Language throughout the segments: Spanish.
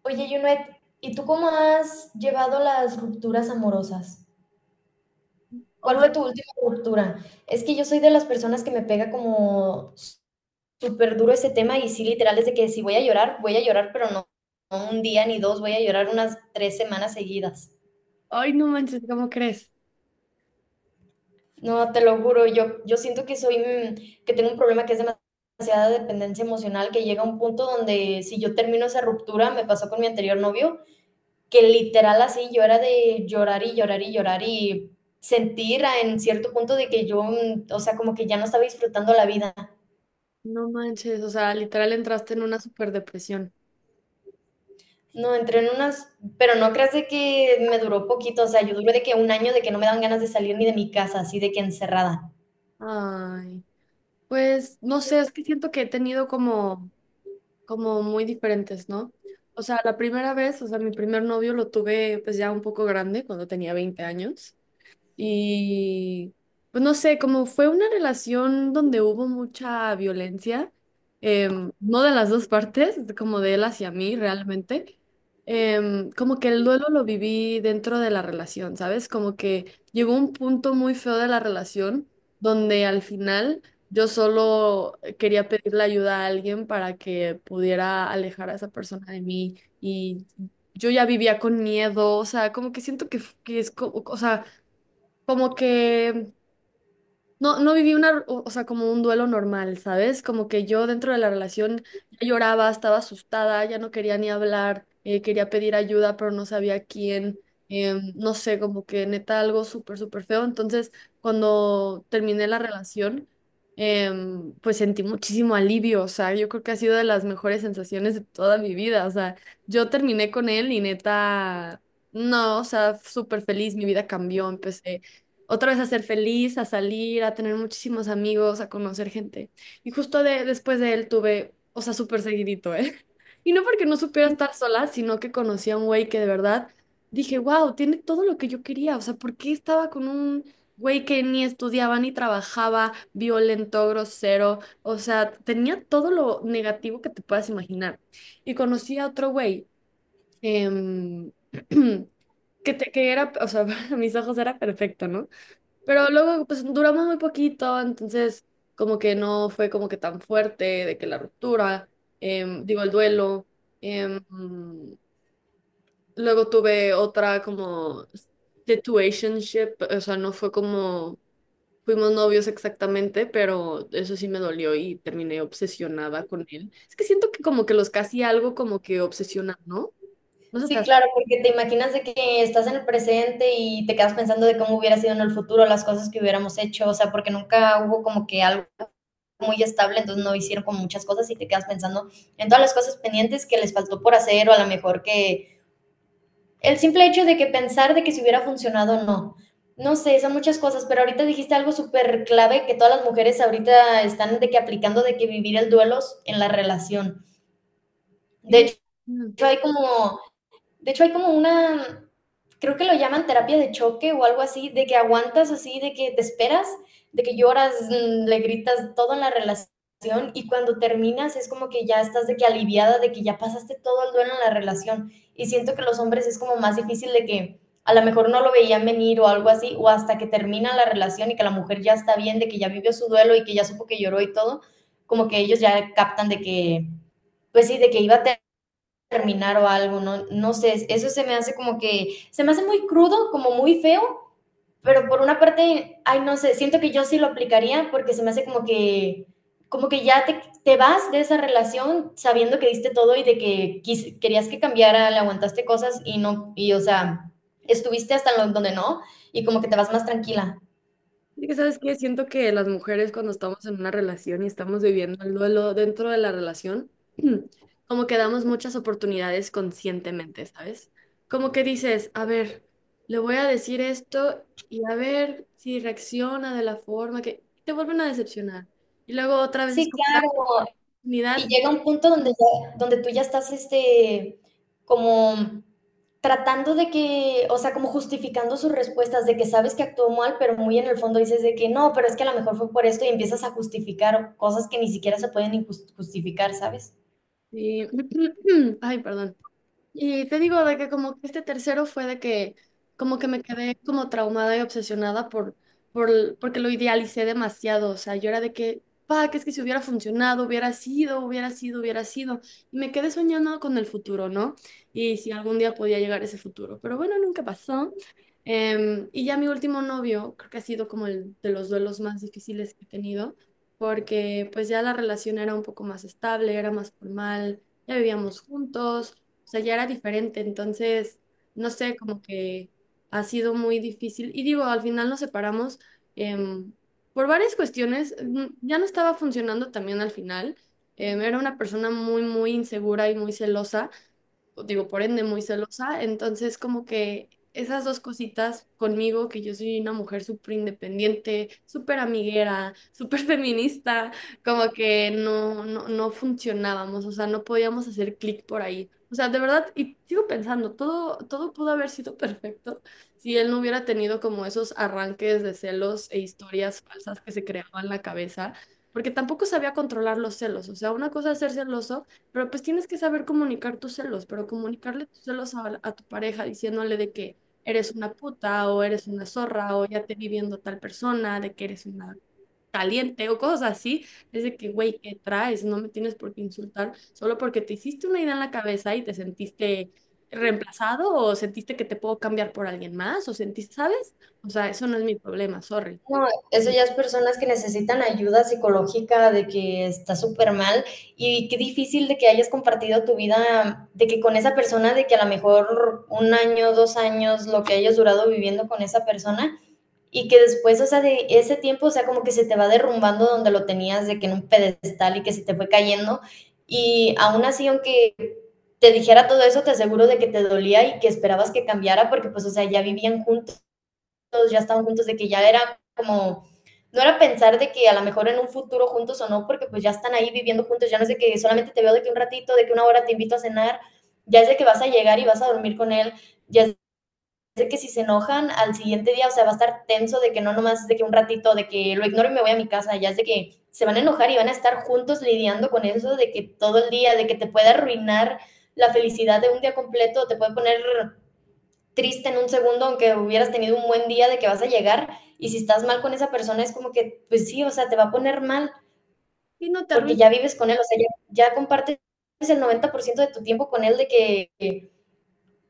Oye, Junet, ¿y tú cómo has llevado las rupturas amorosas? ¿Cuál Hoy, fue tu última ruptura? Es que yo soy de las personas que me pega como súper duro ese tema y sí, literal, desde que si voy a llorar, voy a llorar, pero no, no un día ni dos, voy a llorar unas 3 semanas seguidas. hoy no manches, ¿cómo crees? No, te lo juro, yo siento que soy, que tengo un problema que es demasiada dependencia emocional, que llega a un punto donde si yo termino esa ruptura, me pasó con mi anterior novio, que literal así yo era de llorar y llorar y llorar y sentir en cierto punto de que yo, o sea, como que ya no estaba disfrutando la vida. No manches, o sea, literal entraste en una super depresión. No, entré en unas, pero no creas de que me duró poquito, o sea, yo duré de que un año de que no me dan ganas de salir ni de mi casa, así de que encerrada. Ay, pues no sé, es que siento que he tenido como muy diferentes, ¿no? O sea, la primera vez, o sea, mi primer novio lo tuve pues ya un poco grande, cuando tenía 20 años. Y pues no sé, como fue una relación donde hubo mucha violencia, no de las dos partes, como de él hacia mí realmente. Como que el duelo lo viví dentro de la relación, ¿sabes? Como que llegó un punto muy feo de la relación donde al final yo solo quería pedirle ayuda a alguien para que pudiera alejar a esa persona de mí, y yo ya vivía con miedo. O sea, como que siento que es como, o sea como que no viví una, o sea, como un duelo normal, ¿sabes? Como que yo dentro de la relación ya lloraba, estaba asustada, ya no quería ni hablar, quería pedir ayuda, pero no sabía a quién. No sé, como que neta algo súper, súper feo. Entonces, cuando terminé la relación, pues sentí muchísimo alivio. O sea, yo creo que ha sido de las mejores sensaciones de toda mi vida. O sea, yo terminé con él y neta... No, o sea, súper feliz, mi vida cambió, empecé otra vez a ser feliz, a salir, a tener muchísimos amigos, a conocer gente. Y justo de, después de él tuve, o sea, súper seguidito, ¿eh? Y no porque no supiera estar sola, sino que conocí a un güey que de verdad dije, wow, tiene todo lo que yo quería. O sea, ¿por qué estaba con un güey que ni estudiaba ni trabajaba, violento, grosero? O sea, tenía todo lo negativo que te puedas imaginar. Y conocí a otro güey. em, que era, o sea, a mis ojos era perfecto, ¿no? Pero luego, pues duramos muy poquito, entonces como que no fue como que tan fuerte de que la ruptura. Digo, el duelo. em, Luego tuve otra como situationship, o sea, no fue como fuimos novios exactamente, pero eso sí me dolió y terminé obsesionada con él. Es que siento que como que los casi algo como que obsesionan, ¿no? No se te Sí, hace. claro, porque te imaginas de que estás en el presente y te quedas pensando de cómo hubiera sido en el futuro las cosas que hubiéramos hecho, o sea, porque nunca hubo como que algo muy estable, entonces no hicieron como muchas cosas y te quedas pensando en todas las cosas pendientes que les faltó por hacer o a lo mejor que el simple hecho de que pensar de que si hubiera funcionado o no. No sé, son muchas cosas, pero ahorita dijiste algo súper clave que todas las mujeres ahorita están de que aplicando de que vivir el duelo en la relación. De Sí. hecho, hay como hay como una, creo que lo llaman terapia de choque o algo así, de que aguantas así, de que te esperas, de que lloras, le gritas todo en la relación y cuando terminas es como que ya estás de que aliviada, de que ya pasaste todo el duelo en la relación. Y siento que los hombres es como más difícil de que a lo mejor no lo veían venir o algo así, o hasta que termina la relación y que la mujer ya está bien, de que ya vivió su duelo y que ya supo que lloró y todo, como que ellos ya captan de que, pues sí, de que iba a terminar o algo, no, no sé, eso se me hace como que, se me hace muy crudo, como muy feo, pero por una parte, ay, no sé, siento que yo sí lo aplicaría porque se me hace como que ya te vas de esa relación sabiendo que diste todo y de que querías que cambiara, le aguantaste cosas y no, y o sea, estuviste hasta donde no y como que te vas más tranquila. Y que sabes que siento que las mujeres cuando estamos en una relación y estamos viviendo el duelo dentro de la relación, como que damos muchas oportunidades conscientemente, ¿sabes? Como que dices, a ver, le voy a decir esto y a ver si reacciona de la forma que te vuelven a decepcionar. Y luego otra vez es Sí, como dar claro. Y oportunidad llega un punto donde, donde tú ya estás, como tratando de que, o sea, como justificando sus respuestas, de que sabes que actuó mal, pero muy en el fondo dices de que no, pero es que a lo mejor fue por esto y empiezas a justificar cosas que ni siquiera se pueden ni justificar, ¿sabes? y, ay, perdón. Y te digo de que como que este tercero fue de que como que me quedé como traumada y obsesionada porque lo idealicé demasiado. O sea, yo era de que, pa, que es que si hubiera funcionado, hubiera sido, y me quedé soñando con el futuro, ¿no? Y si algún día podía llegar ese futuro, pero bueno, nunca pasó. Y ya mi último novio, creo que ha sido como el de los duelos más difíciles que he tenido, porque pues ya la relación era un poco más estable, era más formal, ya vivíamos juntos. O sea, ya era diferente. Entonces, no sé, como que ha sido muy difícil. Y digo, al final nos separamos em, por varias cuestiones. Ya no estaba funcionando también al final. Era una persona muy insegura y muy celosa, digo, por ende muy celosa. Entonces como que esas dos cositas conmigo, que yo soy una mujer súper independiente, súper amiguera, súper feminista, como que no funcionábamos. O sea, no podíamos hacer clic por ahí. O sea, de verdad, y sigo pensando, todo pudo haber sido perfecto si él no hubiera tenido como esos arranques de celos e historias falsas que se creaban en la cabeza, porque tampoco sabía controlar los celos. O sea, una cosa es ser celoso, pero pues tienes que saber comunicar tus celos, pero comunicarle tus celos a tu pareja diciéndole de que eres una puta o eres una zorra o ya te vi viendo tal persona, de que eres una caliente o cosas así. Es de que, güey, ¿qué traes? No me tienes por qué insultar solo porque te hiciste una idea en la cabeza y te sentiste reemplazado o sentiste que te puedo cambiar por alguien más o sentiste, ¿sabes? O sea, eso no es mi problema, sorry. No, eso ya es personas que necesitan ayuda psicológica de que está súper mal y qué difícil de que hayas compartido tu vida, de que con esa persona, de que a lo mejor un año, 2 años, lo que hayas durado viviendo con esa persona, y que después, o sea, de ese tiempo, o sea, como que se te va derrumbando donde lo tenías, de que en un pedestal y que se te fue cayendo. Y aún así, aunque te dijera todo eso, te aseguro de que te dolía y que esperabas que cambiara, porque pues, o sea, ya vivían juntos, ya estaban juntos, de que ya era como, no era pensar de que a lo mejor en un futuro juntos o no, porque pues ya están ahí viviendo juntos, ya no es de que solamente te veo de que un ratito, de que una hora te invito a cenar, ya es de que vas a llegar y vas a dormir con él, ya es de que si se enojan al siguiente día, o sea, va a estar tenso de que no nomás de que un ratito, de que lo ignoro y me voy a mi casa, ya es de que se van a enojar y van a estar juntos lidiando con eso, de que todo el día, de que te puede arruinar la felicidad de un día completo, te puede poner triste en un segundo, aunque hubieras tenido un buen día de que vas a llegar, y si estás mal con esa persona es como que, pues sí, o sea, te va a poner mal, Y no te porque arruines. ya vives con él, o sea, ya compartes el 90% de tu tiempo con él, de que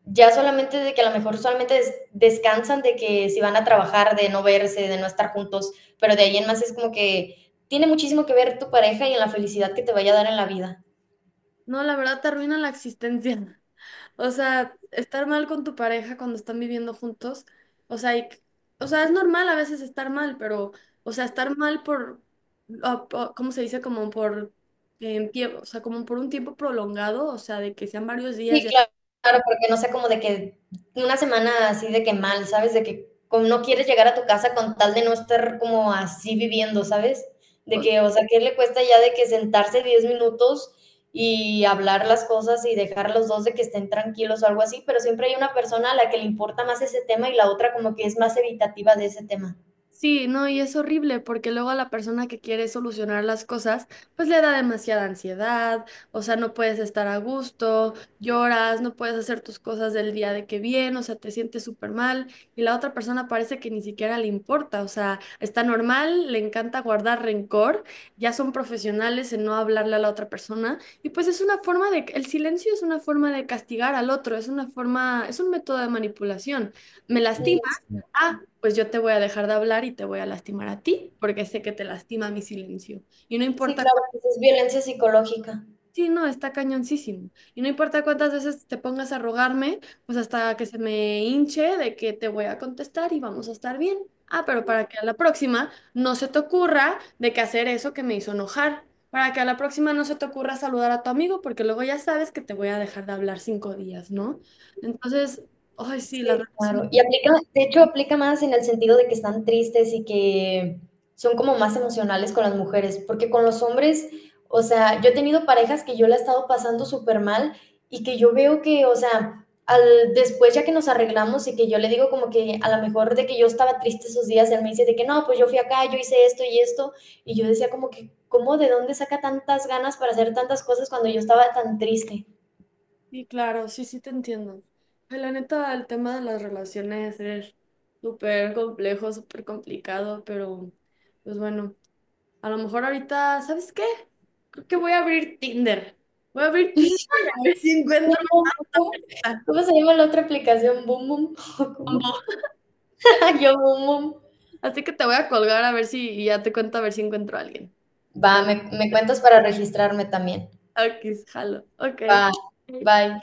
ya solamente de que a lo mejor solamente descansan de que si van a trabajar, de no verse, de no estar juntos, pero de ahí en más es como que tiene muchísimo que ver tu pareja y en la felicidad que te vaya a dar en la vida. No, la verdad te arruinan la existencia. O sea, estar mal con tu pareja cuando están viviendo juntos, o sea, o sea, es normal a veces estar mal, pero, o sea, estar mal ¿cómo se dice? O sea, como por un tiempo prolongado, o sea, de que sean varios días Sí, ya. claro, claro, porque no sea como de que una semana así de que mal, ¿sabes? De que como no quieres llegar a tu casa con tal de no estar como así viviendo, ¿sabes? De que, o sea, ¿qué le cuesta ya de que sentarse 10 minutos y hablar las cosas y dejar a los dos de que estén tranquilos o algo así? Pero siempre hay una persona a la que le importa más ese tema y la otra como que es más evitativa de ese tema. Sí, no, y es horrible porque luego a la persona que quiere solucionar las cosas, pues le da demasiada ansiedad. O sea, no puedes estar a gusto, lloras, no puedes hacer tus cosas del día de que bien. O sea, te sientes súper mal y la otra persona parece que ni siquiera le importa. O sea, está normal, le encanta guardar rencor, ya son profesionales en no hablarle a la otra persona, y pues es una forma de, el silencio es una forma de castigar al otro, es una forma, es un método de manipulación, me lastima, Mm. ah, pues yo te voy a dejar de hablar y te voy a lastimar a ti, porque sé que te lastima mi silencio. Y no Sí, importa, claro, pues es violencia psicológica. sí, no, está cañoncísimo. Y no importa cuántas veces te pongas a rogarme, pues hasta que se me hinche de que te voy a contestar y vamos a estar bien. Ah, pero para que a la próxima no se te ocurra de que hacer eso que me hizo enojar. Para que a la próxima no se te ocurra saludar a tu amigo, porque luego ya sabes que te voy a dejar de hablar 5 días, ¿no? Entonces, ay, sí, las Sí, relaciones. claro. Y aplica, de hecho, aplica más en el sentido de que están tristes y que son como más emocionales con las mujeres, porque con los hombres, o sea, yo he tenido parejas que yo la he estado pasando súper mal y que yo veo que, o sea, después ya que nos arreglamos y que yo le digo como que a lo mejor de que yo estaba triste esos días, él me dice de que no, pues yo fui acá, yo hice esto y esto, y yo decía como que, ¿cómo de dónde saca tantas ganas para hacer tantas cosas cuando yo estaba tan triste? Sí, claro, sí te entiendo. Ay, la neta, el tema de las relaciones es súper complejo, súper complicado, pero pues bueno, a lo mejor ahorita, ¿sabes qué? Creo que voy a abrir Tinder. Voy a abrir Tinder y a ver si Boom, encuentro boom, boom. a ¿Cómo se llama la otra aplicación? ¿Boom, boom? ¿O combo. ¿Cómo? Yo, boom, boom. Así que te voy a colgar a ver si y ya te cuento a ver si encuentro a alguien. Va, me cuentas para registrarme también. Ok, jalo. Ok. Va, bye.